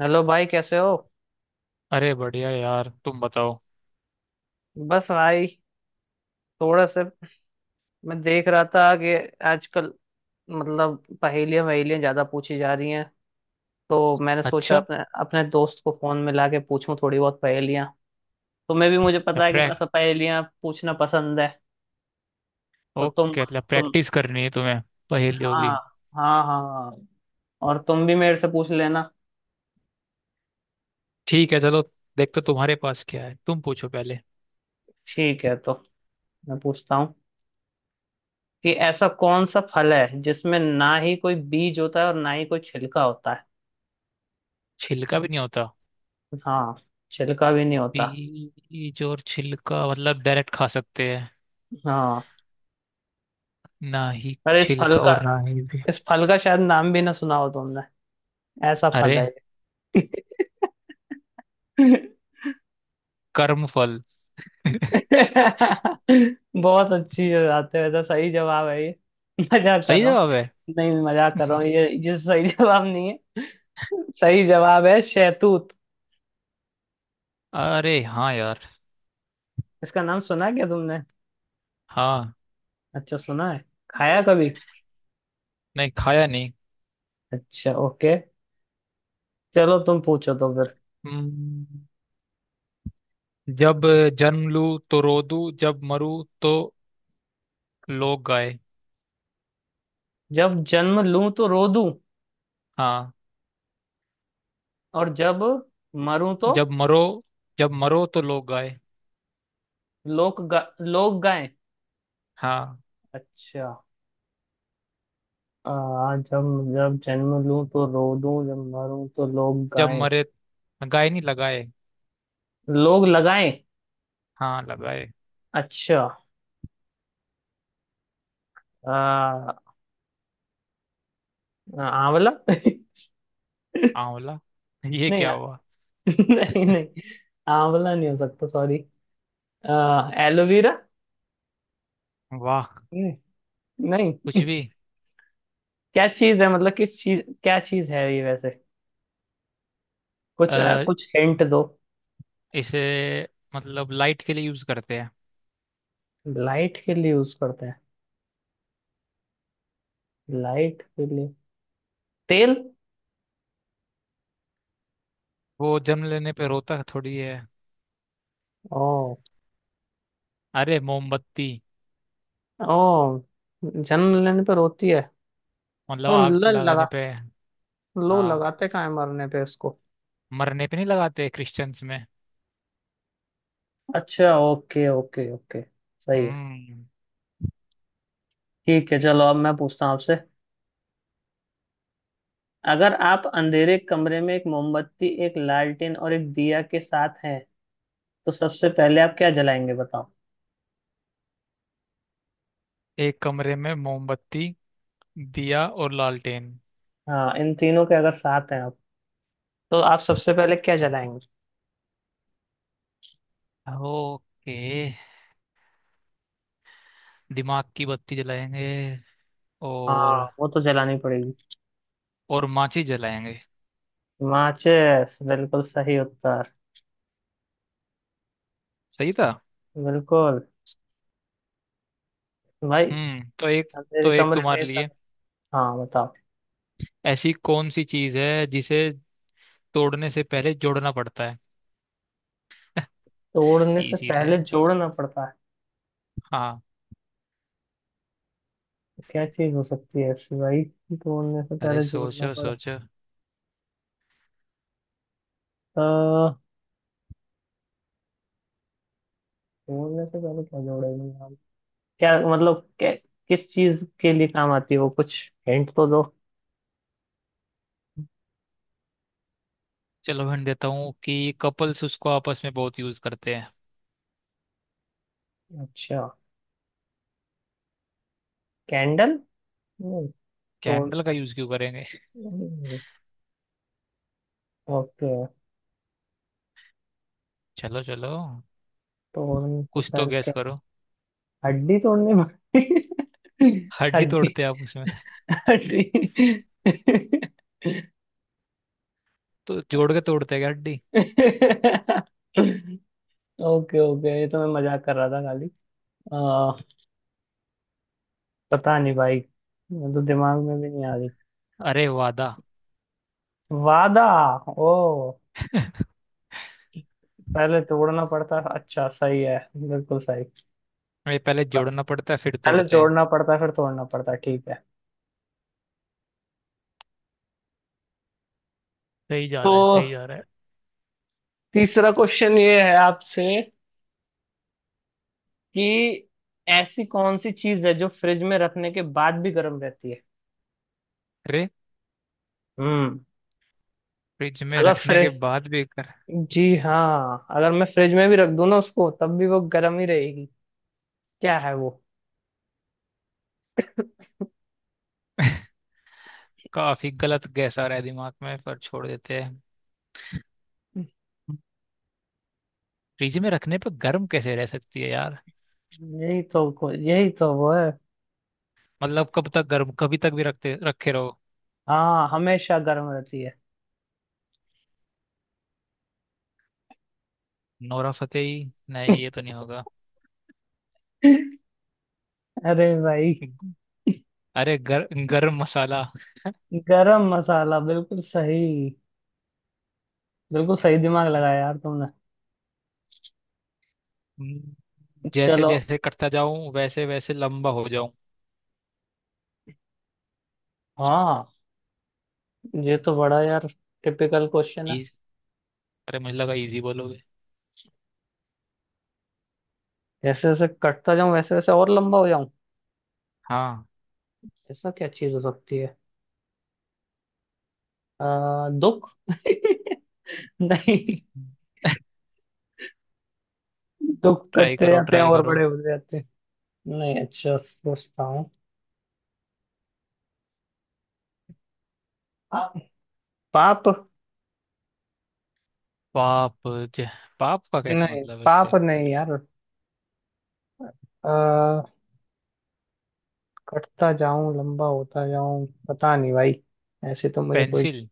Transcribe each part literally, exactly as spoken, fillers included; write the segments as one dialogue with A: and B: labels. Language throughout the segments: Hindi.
A: हेलो भाई, कैसे हो?
B: अरे बढ़िया यार, तुम बताओ।
A: बस भाई, थोड़ा सा। मैं देख रहा था कि आजकल मतलब पहेलियां वहेलियां ज्यादा पूछी जा रही हैं। तो मैंने सोचा
B: अच्छा।
A: अपने अपने दोस्त को फोन में लाके पूछूं थोड़ी बहुत पहेलियां। तुम्हें भी मुझे
B: या
A: पता है कि
B: प्रैक
A: ऐसा पहेलियां पूछना पसंद है। तो तुम
B: ओके, मतलब
A: तुम
B: प्रैक्टिस करनी है तुम्हें, पहेलियों
A: हाँ,
B: की।
A: हाँ, हाँ, हाँ। और तुम भी मेरे से पूछ लेना।
B: ठीक है, चलो देखते तुम्हारे पास क्या है, तुम पूछो पहले।
A: ठीक है, तो मैं पूछता हूँ कि ऐसा कौन सा फल है जिसमें ना ही कोई बीज होता है और ना ही कोई छिलका होता है।
B: छिलका भी नहीं होता?
A: हाँ, छिलका भी नहीं होता।
B: बीज और छिलका मतलब डायरेक्ट खा सकते हैं।
A: हाँ।
B: ना ही
A: अरे इस फल
B: छिलका
A: का
B: और ना ही भी।
A: इस फल का शायद नाम भी ना सुना हो तुमने। ऐसा
B: अरे,
A: फल है ये।
B: कर्म फल
A: बहुत अच्छी बात है, वैसे सही जवाब है ये। मजाक कर
B: सही
A: रहा हूँ।
B: जवाब है।
A: नहीं, मजाक कर रहा हूँ, ये ये सही जवाब नहीं है। सही जवाब है शहतूत।
B: अरे हाँ यार।
A: इसका नाम सुना क्या तुमने?
B: हाँ।
A: अच्छा, सुना है। खाया कभी?
B: नहीं, खाया नहीं।
A: अच्छा, ओके। चलो तुम पूछो तो फिर।
B: हम्म, जब जन्म लूं तो रो दूं, जब मरूं तो लोग गाए।
A: जब जन्म लूं तो रो दूं,
B: हाँ।
A: और जब मरूं तो
B: जब मरो जब मरो तो लोग गाए।
A: लोग गा, लोग गाएं।
B: हाँ।
A: अच्छा। आ, जब जब जन्म लूं तो रो दूं, जब मरूं तो लोग
B: जब
A: गाएं।
B: मरे, गाए नहीं, लगाए।
A: लोग लगाएं।
B: हाँ, लगाए।
A: अच्छा। आ, आंवला।
B: आंवला ये
A: नहीं
B: क्या
A: यार।
B: हुआ।
A: नहीं, नहीं। आंवला नहीं हो सकता, सॉरी। आ, एलोवेरा।
B: वाह।
A: नहीं। नहीं।
B: कुछ भी।
A: क्या चीज है, मतलब किस चीज, क्या चीज है ये वैसे? कुछ आ,
B: आ,
A: कुछ हिंट दो।
B: इसे मतलब लाइट के लिए यूज करते हैं।
A: लाइट के लिए यूज करते हैं? लाइट के लिए। तेल।
B: वो जन्म लेने पे रोता थोड़ी है।
A: ओ।
B: अरे, मोमबत्ती।
A: ओ। जन्म लेने पर होती है।
B: मतलब
A: तो
B: आग
A: ल-
B: लगाने
A: लगा
B: पे।
A: लो,
B: हाँ,
A: लगाते कहाँ है मरने पे इसको।
B: मरने पे नहीं लगाते क्रिश्चियंस में।
A: अच्छा, ओके, ओके, ओके, सही है।
B: हम्म।
A: ठीक है, चलो, अब मैं पूछता हूँ आपसे। अगर आप अंधेरे कमरे में एक मोमबत्ती, एक लालटेन और एक दिया के साथ हैं, तो सबसे पहले आप क्या जलाएंगे, बताओ।
B: एक कमरे में मोमबत्ती, दिया और लालटेन।
A: हाँ, इन तीनों के अगर साथ हैं आप, तो आप सबसे पहले क्या जलाएंगे?
B: ओके, दिमाग की बत्ती जलाएंगे।
A: हाँ,
B: और
A: वो तो जलानी पड़ेगी।
B: और माची जलाएंगे।
A: माचिस, बिल्कुल सही उत्तर।
B: सही था।
A: बिल्कुल। भाई
B: हम्म, तो एक
A: अंधेरे
B: तो एक
A: कमरे में
B: तुम्हारे
A: ऐसा।
B: लिए।
A: हाँ, बताओ।
B: ऐसी कौन सी चीज है जिसे तोड़ने से पहले जोड़ना पड़ता है?
A: तोड़ने से
B: इजी रहे।
A: पहले जोड़ना पड़ता है?
B: हाँ।
A: क्या चीज हो सकती है ऐसी भाई? तोड़ने से
B: अरे
A: पहले जोड़ना
B: सोचो
A: पड़ा।
B: सोचो।
A: अह, तोड़ने से पहले क्या जोड़ेंगे हम? क्या मतलब क्या, किस चीज के लिए काम आती है वो? कुछ हिंट तो दो।
B: चलो हिंट देता हूँ कि कपल्स उसको आपस में बहुत यूज करते हैं।
A: अच्छा। कैंडल। नहीं। तोड़,
B: कैंडल का यूज क्यों करेंगे?
A: नहीं, ओके।
B: चलो चलो,
A: तोड़ने से
B: कुछ तो
A: पहले
B: गैस
A: क्या?
B: करो।
A: हड्डी तोड़नी पड़ती
B: हड्डी
A: हड्डी।
B: तोड़ते हैं आप उसमें?
A: हड्डी।
B: तो जोड़ के तोड़ते हैं क्या हड्डी?
A: ओके, ओके, ये तो मैं मजाक कर रहा था खाली। पता नहीं भाई। मैं तो दिमाग में भी नहीं आ रही।
B: अरे, वादा।
A: वादा। ओ। पहले तोड़ना पड़ता, अच्छा सही है, बिल्कुल सही।
B: ये पहले जोड़ना पड़ता है, फिर
A: पहले
B: तोड़ते हैं।
A: जोड़ना पड़ता फिर तोड़ना पड़ता, ठीक है।
B: सही जा
A: तो
B: रहा है, सही जा रहा है।
A: तीसरा क्वेश्चन ये है आपसे, कि ऐसी कौन सी चीज है जो फ्रिज में रखने के बाद भी गर्म रहती है?
B: अरे,
A: हम्म
B: फ्रिज में
A: अगर
B: रखने के
A: फ्रिज,
B: बाद भी कर
A: जी हाँ, अगर मैं फ्रिज में भी रख दूँ ना उसको तब भी वो गर्म ही रहेगी। क्या है वो?
B: काफी गलत गैस आ रहा है दिमाग में, पर छोड़ देते हैं। फ्रिज में रखने पर गर्म कैसे रह सकती है यार?
A: यही तो को- यही तो वो है।
B: मतलब कब तक गर्म, कभी तक भी रखते रखे रहो।
A: हाँ, हमेशा गर्म रहती है।
B: Nora Fatehi. नहीं, ये तो नहीं होगा।
A: अरे भाई।
B: अरे गर, गर्म मसाला।
A: गरम मसाला, बिल्कुल सही। बिल्कुल सही, दिमाग लगाया यार तुमने।
B: हम्म, जैसे
A: चलो,
B: जैसे कटता जाऊं वैसे वैसे लंबा हो जाऊं।
A: हाँ, ये तो बड़ा यार टिपिकल क्वेश्चन है।
B: इज अरे मुझे लगा इजी बोलोगे।
A: जैसे जैसे कटता जाऊं वैसे वैसे और लंबा हो जाऊं।
B: हाँ।
A: ऐसा क्या चीज हो सकती है? आ, दुख। नहीं, दुख
B: ट्राई
A: कटते
B: करो
A: जाते हैं
B: ट्राई
A: और
B: करो।
A: बड़े होते जाते हैं। नहीं, अच्छा सोचता हूँ। पाप।
B: पाप ज, पाप का कैसे
A: नहीं,
B: मतलब है
A: पाप
B: इससे?
A: नहीं यार। आ, कटता जाऊं लंबा होता जाऊं, पता नहीं भाई। ऐसे तो मुझे कोई।
B: पेंसिल।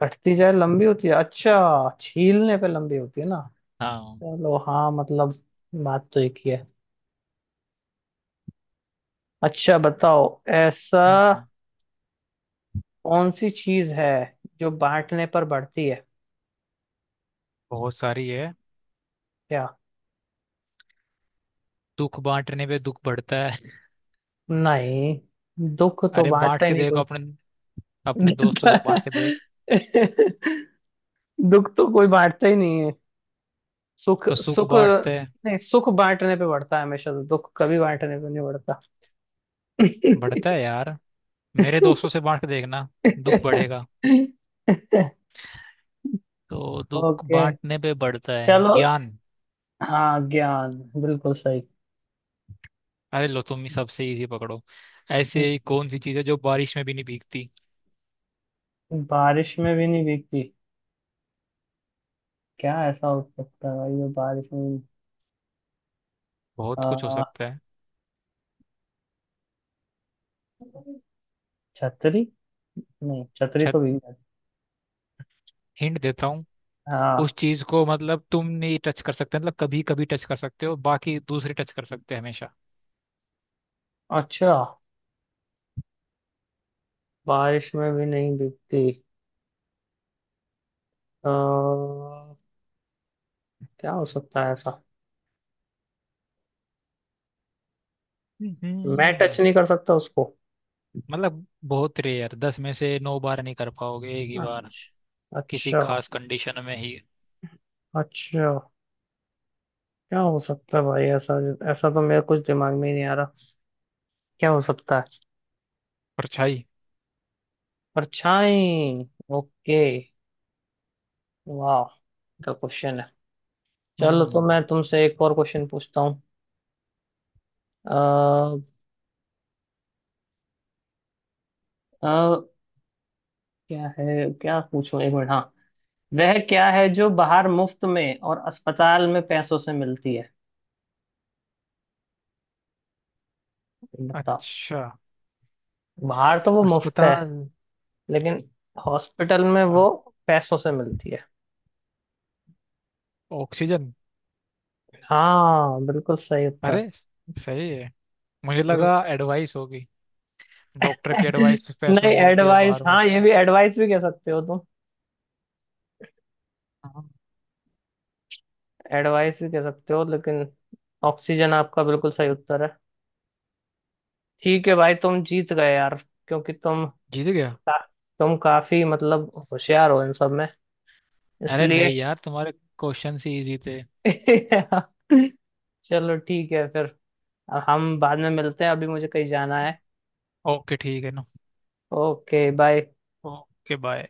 A: कटती जाए लंबी होती है, अच्छा छीलने पे लंबी होती है ना।
B: हाँ।
A: चलो, हाँ, मतलब बात तो एक ही है। अच्छा, बताओ, ऐसा
B: हम्म।
A: कौन सी चीज है जो बांटने पर बढ़ती है?
B: बहुत सारी है।
A: क्या?
B: दुख बांटने पे दुख बढ़ता है।
A: नहीं, दुख तो
B: अरे बांट
A: बांटता ही
B: के
A: नहीं
B: देखो
A: कोई।
B: अपने अपने दोस्तों से बांट के देख।
A: दुख तो कोई बांटता ही नहीं है। सुख।
B: तो सुख
A: सुख।
B: बांटते?
A: नहीं, सुख बांटने पे बढ़ता है हमेशा, तो दुख कभी बांटने पे नहीं बढ़ता।
B: बढ़ता है यार, मेरे दोस्तों से बांट के देखना, दुख बढ़ेगा। तो दुख
A: ओके।
B: बांटने पे बढ़ता है
A: चलो,
B: ज्ञान।
A: हाँ, ज्ञान, बिल्कुल सही।
B: अरे लो, तुम ही सबसे इजी पकड़ो। ऐसे कौन सी चीज है जो बारिश में भी नहीं भीगती?
A: हम्म, बारिश में भी नहीं भीगती। क्या ऐसा हो सकता है भाई जो बारिश में भी-।
B: बहुत कुछ हो
A: आ,
B: सकता है।
A: छतरी। नहीं, छतरी
B: अच्छा,
A: तो भीग जाती।
B: हिंट देता हूँ। उस
A: हाँ,
B: चीज को मतलब तुम नहीं टच कर सकते, मतलब कभी कभी टच कर सकते हो, बाकी दूसरे टच कर सकते हैं हमेशा।
A: अच्छा। बारिश में भी नहीं भीगती। आ, क्या हो सकता है ऐसा? मैं
B: हम्म।
A: टच नहीं कर सकता उसको?
B: मतलब बहुत रेयर, दस में से नौ बार नहीं कर पाओगे, एक ही बार,
A: अच्छा,
B: किसी
A: अच्छा,
B: खास कंडीशन में ही।
A: अच्छा। क्या हो सकता है भाई ऐसा? ऐसा तो मेरे कुछ दिमाग में ही नहीं आ रहा। क्या हो सकता है?
B: परछाई।
A: परछाई। ओके, वाह, क्या क्वेश्चन है। चलो, तो
B: हम्म।
A: मैं तुमसे एक और क्वेश्चन पूछता हूँ। अ, अ, क्या है, क्या पूछूं, एक मिनट, हाँ। वह क्या है जो बाहर मुफ्त में और अस्पताल में पैसों से मिलती है, बताओ।
B: अच्छा।
A: बाहर तो वो मुफ्त है,
B: अस्पताल।
A: लेकिन हॉस्पिटल में
B: अ,
A: वो पैसों से मिलती है।
B: ऑक्सीजन।
A: हाँ, बिल्कुल सही उत्तर।
B: अरे, सही है। मुझे
A: हम्म।
B: लगा एडवाइस होगी। डॉक्टर की एडवाइस पैसों
A: नहीं,
B: में मिलती है,
A: एडवाइस,
B: बाहर
A: हाँ,
B: मुफ्त
A: ये
B: में।
A: भी, एडवाइस भी कह सकते हो तुम।
B: हाँ।
A: एडवाइस भी कह सकते हो, लेकिन ऑक्सीजन आपका बिल्कुल सही उत्तर है। ठीक है भाई, तुम जीत गए यार, क्योंकि तुम
B: जीत गया।
A: तुम काफी मतलब होशियार हो इन सब में,
B: अरे
A: इसलिए।
B: नहीं यार, तुम्हारे क्वेश्चन ही इजी थे।
A: चलो ठीक है फिर, हम बाद में मिलते हैं, अभी मुझे कहीं जाना है।
B: ओके, ठीक है ना।
A: Okay, bye.
B: Okay bye.